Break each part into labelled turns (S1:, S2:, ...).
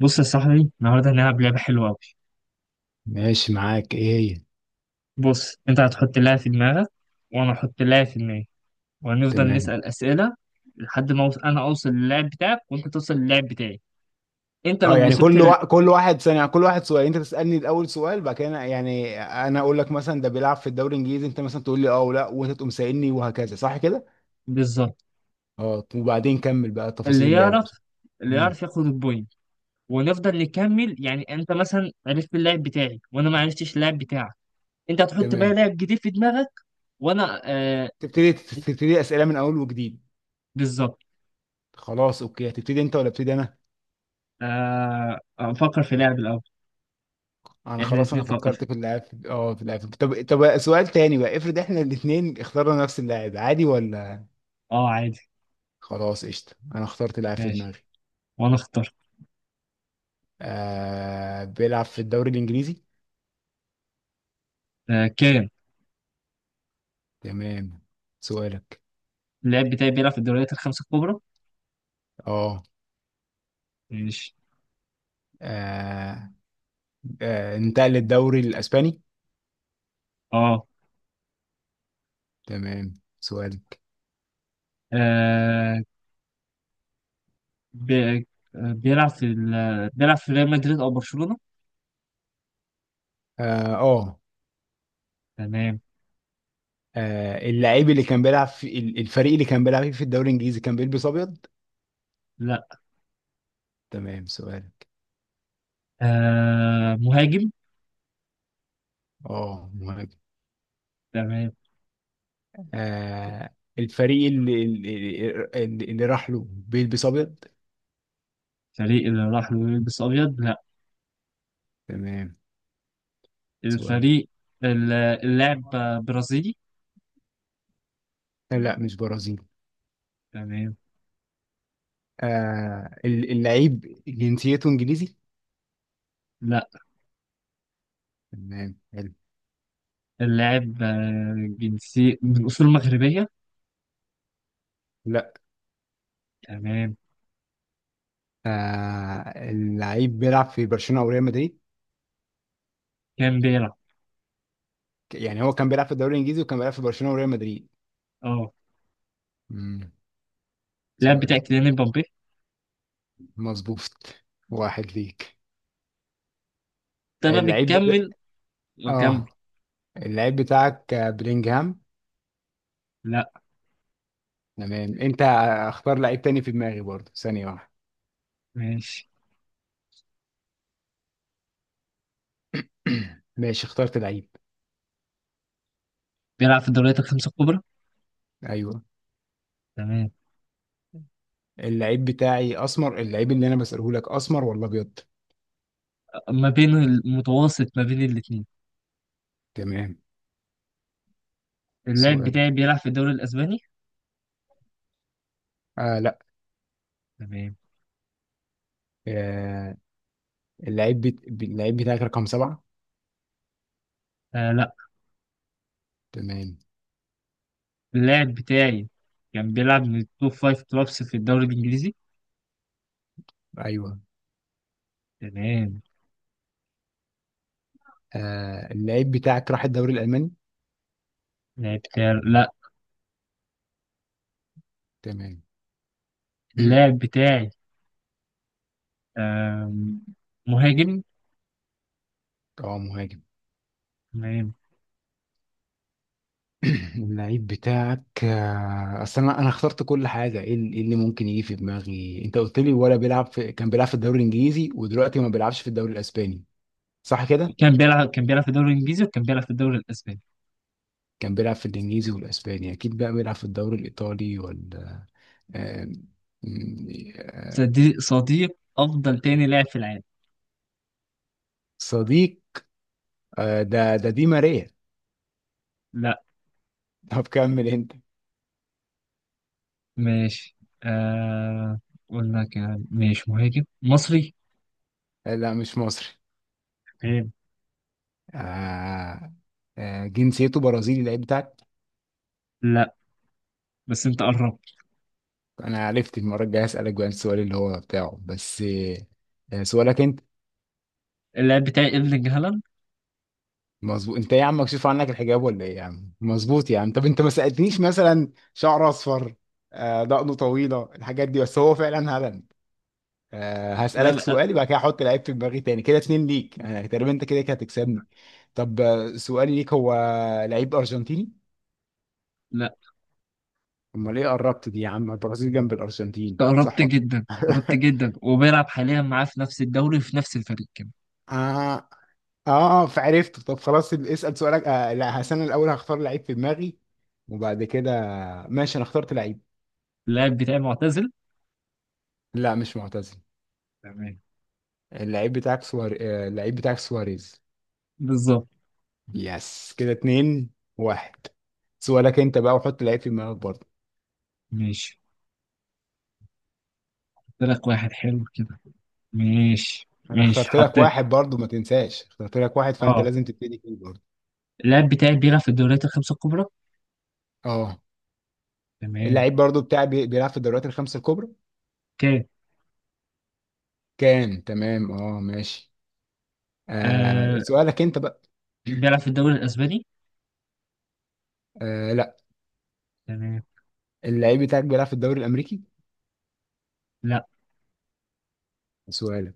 S1: بص يا صاحبي النهارده هنلعب لعبة حلوة أوي.
S2: ماشي معاك، ايه هي؟
S1: بص أنت هتحط لاعب في دماغك وأنا هحط لاعب في دماغي وهنفضل
S2: تمام.
S1: نسأل أسئلة لحد ما أنا أوصل للاعب بتاعك وأنت توصل للاعب بتاعي. أنت
S2: اه
S1: لو
S2: يعني
S1: وصلت ال...
S2: كل واحد ثانية، كل واحد سؤال. انت تسألني الاول سؤال، بعد كده يعني انا اقول لك مثلا ده بيلعب في الدوري الانجليزي، انت مثلا تقول لي اه ولا، وانت تقوم سائلني وهكذا. صح كده؟
S1: بالظبط،
S2: اه، وبعدين كمل بقى
S1: اللي
S2: تفاصيل اللعبة.
S1: يعرف، اللي
S2: مم.
S1: يعرف ياخد البوينت، ونفضل نكمل. يعني أنت مثلا عرفت اللاعب بتاعي وأنا ما عرفتش اللاعب بتاعك، أنت هتحط بقى
S2: تمام.
S1: لاعب جديد في دماغك وأنا
S2: تبتدي اسئلة من اول وجديد.
S1: بالظبط.
S2: خلاص اوكي، هتبتدي انت ولا ابتدي انا؟
S1: أفكر في لاعب الأول.
S2: انا
S1: إحنا
S2: خلاص،
S1: الاتنين
S2: انا
S1: نفكر في،
S2: فكرت في اللاعب، طب سؤال تاني بقى، افرض احنا الاثنين اخترنا نفس اللاعب، عادي ولا؟
S1: أه عادي.
S2: خلاص قشطة، انا اخترت لاعب في
S1: ماشي،
S2: دماغي.
S1: وأنا أختار.
S2: بيلعب في الدوري الإنجليزي.
S1: آه كام؟
S2: تمام. سؤالك.
S1: اللاعب بتاعي بيلعب في الدوريات الخمسة الكبرى.
S2: اه
S1: ماشي.
S2: آه. انتقل للدوري الإسباني.
S1: اه.
S2: تمام. سؤالك.
S1: آه، بي- آه، بيلعب بيلعب في ريال مدريد أو برشلونة.
S2: اه، اه،
S1: تمام.
S2: اللعيب اللي كان بيلعب في الفريق اللي كان بيلعب فيه في الدوري الإنجليزي، كان بيلبس أبيض.
S1: لا.
S2: تمام. سؤالك.
S1: آه مهاجم.
S2: اه، مهم.
S1: تمام.
S2: الفريق اللي راح له بيلبس أبيض.
S1: الفريق اللي راح له يلبس أبيض لا.
S2: تمام. سؤالك.
S1: الفريق. اللاعب برازيلي.
S2: لا، مش برازيل.
S1: تمام.
S2: اللعيب جنسيته انجليزي.
S1: لا.
S2: تمام.
S1: اللاعب جنسي من أصول مغربية.
S2: لا.
S1: تمام.
S2: اللعيب بيلعب في برشلونة او ريال مدريد.
S1: كان بيلعب.
S2: يعني هو كان بيلعب في الدوري الانجليزي وكان بيلعب في برشلونة وريال مدريد.
S1: اه.
S2: امم.
S1: اللاعب
S2: سؤال.
S1: بتاعي كيليان مبابي.
S2: مظبوط. واحد ليك.
S1: تمام،
S2: اللعيب بتا...
S1: بتكمل
S2: اه،
S1: وكمل.
S2: اللعيب بتاعك بلينجهام.
S1: لا.
S2: تمام. انت اختار لعيب تاني في دماغي برضه. ثانية واحدة.
S1: ماشي،
S2: ماشي، اخترت لعيب.
S1: بيلعب في الدوريات الخمسة الكبرى.
S2: ايوه.
S1: تمام.
S2: اللعيب بتاعي اسمر، اللعيب اللي انا بسأله لك اسمر ولا ابيض؟
S1: ما بين المتوسط، ما بين الاتنين.
S2: تمام.
S1: اللاعب
S2: سؤالك.
S1: بتاعي بيلعب في الدوري الأسباني.
S2: لا.
S1: تمام.
S2: آه اللعيب اللعيب بتاعك رقم 7.
S1: آه لا.
S2: تمام.
S1: اللاعب بتاعي كان بيلعب من التوب فايف كلوبس في الدوري الإنجليزي.
S2: ايوه.
S1: تمام.
S2: اللعيب بتاعك راح الدوري الألماني.
S1: اللاعب بتاعي لا.
S2: تمام.
S1: اللاعب بتاعي آم، مهاجم.
S2: اه، مهاجم.
S1: تمام.
S2: اللعيب بتاعك، اصل انا اخترت كل حاجه. ايه اللي إيه اللي ممكن يجي في دماغي. انت قلت لي ولا بيلعب في كان بيلعب في الدوري الانجليزي، ودلوقتي ما بيلعبش في الدوري الاسباني، صح كده؟
S1: كان بيلعب في الدوري الإنجليزي وكان بيلعب في الدوري الأسباني.
S2: كان بيلعب في الانجليزي والاسباني، اكيد بقى بيلعب في الدوري الايطالي ولا؟ آه، م- آه،
S1: صديق أفضل تاني لاعب في العالم.
S2: صديق. ده دي ماريا.
S1: لا.
S2: طب كمل انت.
S1: ماشي. آه، قلنا كان ماشي، مهاجم مصري.
S2: لا، مش مصري.
S1: تمام.
S2: آه، جنسيته برازيلي، اللعيب بتاعك.
S1: لا بس انت قربت.
S2: انا عرفت. المره الجايه اسالك بقى السؤال اللي هو بتاعه بس. سؤالك انت.
S1: اللاعب بتاعي ايرلينج هالاند.
S2: مظبوط. انت إيه يا عم، مكشوف عنك الحجاب ولا ايه يا عم؟ مظبوط يا عم. طب انت ما سالتنيش مثلا شعر اصفر، دقنه طويله، الحاجات دي، بس هو فعلا هبل.
S1: لا
S2: هسالك
S1: لا
S2: سؤال بعد كده. هحط لعيب في دماغي تاني، كده اتنين ليك انا تقريبا، انت كده كده هتكسبني. طب سؤالي ليك هو لعيب ارجنتيني.
S1: لا
S2: امال ايه قربت دي يا عم؟ البرازيل جنب
S1: انت
S2: الارجنتين،
S1: قربت
S2: صح ولا؟
S1: جدا، قربت
S2: لأ؟
S1: جدا، وبيلعب حاليا معاه في نفس الدوري وفي نفس الفريق كمان.
S2: آه. اه، اه، فعرفته. طب خلاص، اسأل سؤالك. لا، هس، انا الاول هختار لعيب في دماغي وبعد كده. ماشي، انا اخترت لعيب.
S1: اللاعب بتاعي معتزل.
S2: لا، مش معتزل.
S1: تمام.
S2: اللعيب بتاعك سواريز.
S1: بالظبط.
S2: يس كده اتنين، واحد. سؤالك انت بقى، وحط لعيب في دماغك برضه.
S1: ماشي، قلت لك واحد حلو كده. ماشي
S2: انا
S1: ماشي
S2: اخترت لك
S1: حطيت.
S2: واحد برضه، ما تنساش، اخترت لك واحد، فانت لازم
S1: اه.
S2: تبتدي فيه برضه.
S1: اللاعب بتاعي بيلعب في الدوريات الخمسة الكبرى.
S2: اه،
S1: تمام.
S2: اللعيب برضه بتاعي بيلعب في الدوريات الخمسة الكبرى.
S1: اوكي.
S2: كان. تمام اه، ماشي.
S1: آه
S2: سؤالك انت بقى.
S1: بيلعب في الدوري الاسباني.
S2: لا.
S1: تمام.
S2: اللعيب بتاعك بيلعب في الدوري الامريكي.
S1: لا.
S2: سؤالك.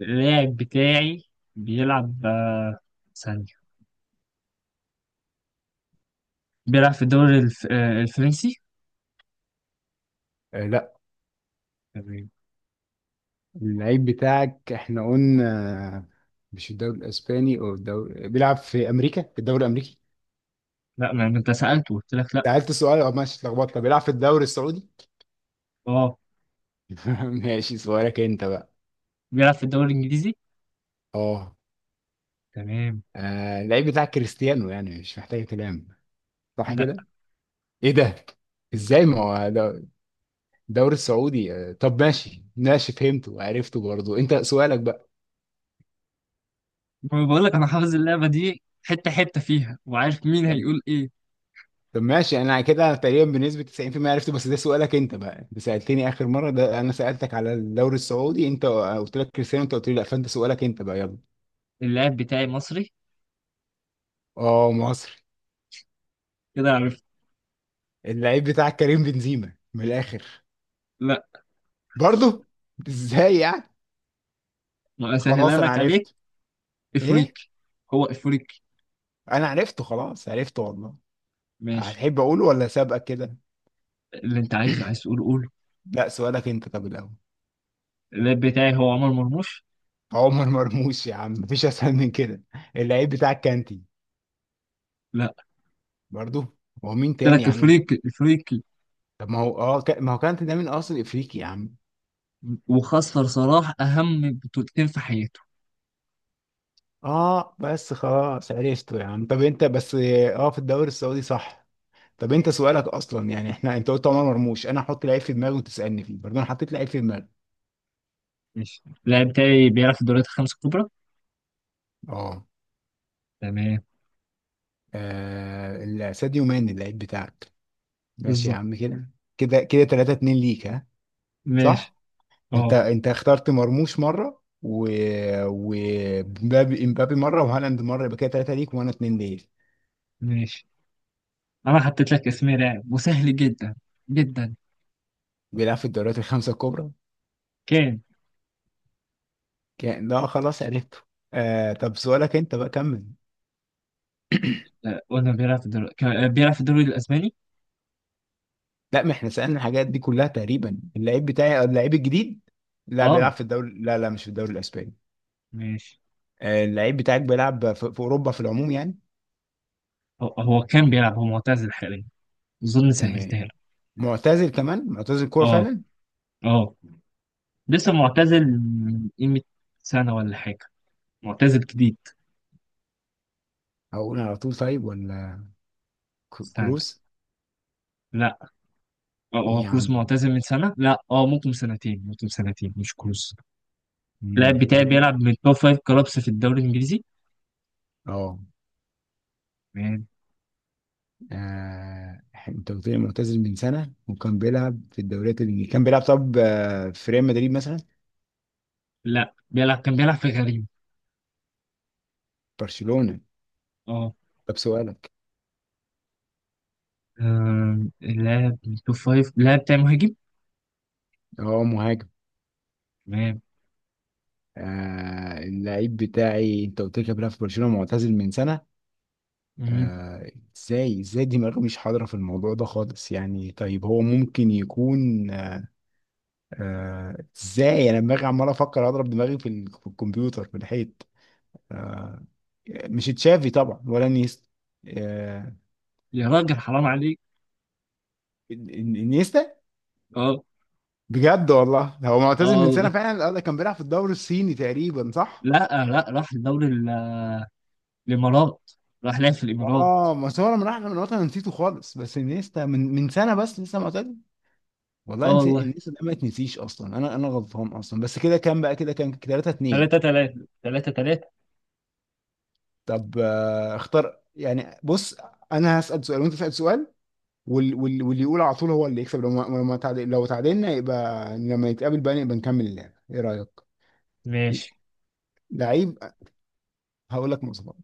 S1: اللاعب بتاعي بيلعب آه، ثانية، بيلعب آه الفرنسي.
S2: لا.
S1: تمام.
S2: اللعيب بتاعك احنا قلنا مش الدوري الاسباني او الدوري، بيلعب في امريكا، في الدوري الامريكي.
S1: لا ما انت سألته قلت لك لا.
S2: سألت السؤال. اه، ماشي، اتلخبطت. طب بيلعب في الدوري السعودي.
S1: اه،
S2: ماشي، سؤالك انت بقى.
S1: بيلعب في الدوري الانجليزي.
S2: اه،
S1: تمام.
S2: اللعيب بتاعك كريستيانو، يعني مش محتاج كلام، صح
S1: لا،
S2: كده؟ ايه ده، ازاي؟ ما هو الدوري السعودي. طب ماشي ماشي، فهمته وعرفته برضه. انت سؤالك بقى.
S1: ما بقول لك انا حافظ اللعبه دي حته حته فيها وعارف مين هيقول ايه.
S2: طب ماشي، انا كده تقريبا بنسبة 90% عرفته. بس ده سؤالك انت بقى، انت سألتني اخر مرة ده انا سألتك على الدوري السعودي، انت قلت لك كريستيانو، انت قلت لي لا، فانت سؤالك انت بقى، يلا.
S1: اللاعب بتاعي مصري.
S2: اه، مصري.
S1: كده عرفت.
S2: اللعيب بتاعك كريم بنزيما من الاخر.
S1: لا،
S2: برضه؟ ازاي يعني.
S1: ما اسهلها
S2: خلاص انا
S1: لك عليك.
S2: عرفت. ايه؟
S1: افريقي، هو افريقي.
S2: انا عرفته خلاص، عرفته والله.
S1: ماشي،
S2: هتحب اقوله ولا سابقك كده؟
S1: اللي انت عايزه عايز تقول قوله.
S2: لا، سؤالك انت طب الاول.
S1: اللاعب بتاعي هو عمر مرموش.
S2: عمر مرموش يا عم، مفيش اسهل من كده. اللعيب بتاعك كانتي.
S1: لا،
S2: برضه؟ هو مين
S1: قلت
S2: تاني
S1: لك
S2: يا عم؟
S1: افريقي افريقي.
S2: طب ما هو كانت ده من اصل افريقي يا عم.
S1: وخسر صلاح اهم بطولتين في حياته.
S2: اه، بس خلاص عرفته يا عم. طب انت بس اه في الدوري السعودي، صح؟ طب انت سؤالك اصلا، يعني احنا انت قلت عمر مرموش، انا هحط لعيب في دماغي وتسالني فيه برضه. انا حطيت لعيب في دماغي.
S1: ماشي، اللاعب بتاعي بيلعب في الدوريات الخمس الكبرى.
S2: اه،
S1: تمام.
S2: ساديو ماني اللعيب بتاعك. ماشي يا
S1: بالظبط.
S2: عم، كده كده كده 3-2 ليك، ها؟
S1: ماشي.
S2: صح. انت
S1: اه
S2: انت اخترت مرموش مره، و ومبابي امبابي مره، وهالاند مره، يبقى كده 3 ليك وانا 2 ليك.
S1: ماشي. انا حطيت لك اسمين لاعب وسهل جدا جدا.
S2: بيلعب في الدوريات الخمسه الكبرى.
S1: كان.
S2: كان. ده خلاص، عرفته. طب سؤالك انت بقى، كمل.
S1: آه، قلنا بيلعب في الدوري آه، بيلعب في الدوري الاسباني.
S2: لا، ما احنا سألنا الحاجات دي كلها تقريبا. اللعيب بتاعي اللعيب الجديد. لا، بيلعب
S1: اه
S2: في الدوري، لا لا، مش في الدوري الاسباني.
S1: ماشي.
S2: اللعيب بتاعك بيلعب في اوروبا، في العموم يعني.
S1: هو كان بيلعب، هو معتزل حاليا. اظن
S2: تمام.
S1: سهلتها لك.
S2: معتزل كمان، معتزل كوره
S1: اه
S2: فعلا.
S1: اه. لسه معتزل من قيمة سنة ولا حاجة، معتزل جديد.
S2: هقول على طول طيب ولا؟
S1: استنى.
S2: كروس.
S1: لا. آه،
S2: ايه
S1: هو
S2: يا
S1: كروس
S2: عم؟
S1: معتزل من سنة، لا اه ممكن سنتين، ممكن سنتين. مش كروس. اللاعب
S2: مم،
S1: بتاعي
S2: طيب.
S1: بيلعب من توب فايف كلابس في الدوري الانجليزي.
S2: اه،
S1: مان.
S2: آه، انت قلت لي معتزل من سنه وكان بيلعب في الدوريات اللي كان بيلعب. طب في ريال مدريد مثلا؟
S1: لا، بيلعب كان بيلعب في غريم.
S2: برشلونه.
S1: اه.
S2: طب سؤالك.
S1: آه، اللاعب التوب فايف، اللاعب بتاع مهاجم.
S2: اه، مهاجم.
S1: تمام.
S2: اللعيب بتاعي، انت قلت لي كان بيلعب في برشلونه، معتزل من سنه.
S1: مم.
S2: آه ازاي دماغي مش حاضره في الموضوع ده خالص يعني. طيب هو ممكن يكون. ازاي؟ انا دماغي عمال افكر، اضرب دماغي في الكمبيوتر في الحيط. آه مش تشافي طبعا، ولا نيستا؟ آه
S1: يا راجل حرام عليك.
S2: إن- إن- انيستا.
S1: اه
S2: بجد والله، هو
S1: اه
S2: معتزل من
S1: والله.
S2: سنه فعلا. ده كان بيلعب في الدوري الصيني تقريبا، صح؟
S1: لا. آه، لا، راح الدوري الامارات، راح لعب في الامارات.
S2: اه، ما هو لما راح من الوطن أنا نسيته خالص. بس انيستا من سنه بس، لسه معتزل.
S1: اه
S2: والله انت
S1: والله.
S2: الناس اللي ما تنسيش اصلا، انا غلطان اصلا، بس كده كام بقى، كده كام 3-2؟
S1: 3 3 3 3.
S2: طب اختار يعني. بص، انا هسأل سؤال وانت تسأل سؤال، واللي يقول على طول هو اللي يكسب. لو ما تعادل، لو تعادلنا يبقى لما يتقابل بقى نبقى نكمل اللعبة. ايه رأيك؟
S1: ماشي
S2: لعيب. هقول لك مواصفات.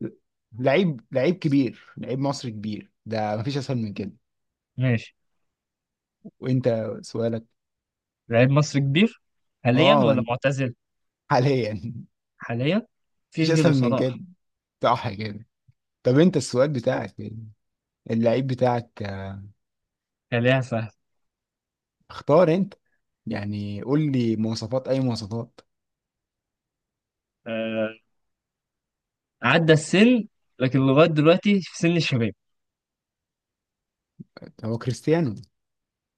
S2: لعيب، لعيب كبير، لعيب مصري كبير، ده مفيش اسهل من كده.
S1: ماشي.
S2: وانت، سؤالك.
S1: لاعب مصري كبير، حاليا
S2: اه،
S1: ولا معتزل؟
S2: حاليا.
S1: حاليا.
S2: مفيش
S1: مفيش غيره
S2: اسهل من كده،
S1: صلاح.
S2: صح كده؟ طب انت السؤال بتاعك إيه؟ اللعيب بتاعك،
S1: خليها سهل.
S2: اختار انت، يعني قول لي مواصفات، اي مواصفات.
S1: آه. عدى السن لكن لغايه دلوقتي في سن الشباب.
S2: هو كريستيانو.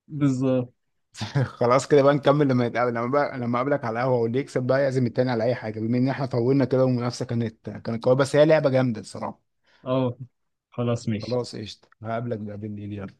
S1: بالظبط.
S2: خلاص كده بقى، نكمل لما نتقابل، لما بقى لما اقابلك على القهوه، واللي يكسب بقى يعزم التاني على اي حاجه، بما ان احنا طولنا كده والمنافسه كانت قويه. بس هي لعبه جامده الصراحه.
S1: اه خلاص ماشي.
S2: خلاص قشطه، هقابلك بقى بالليل، يلا.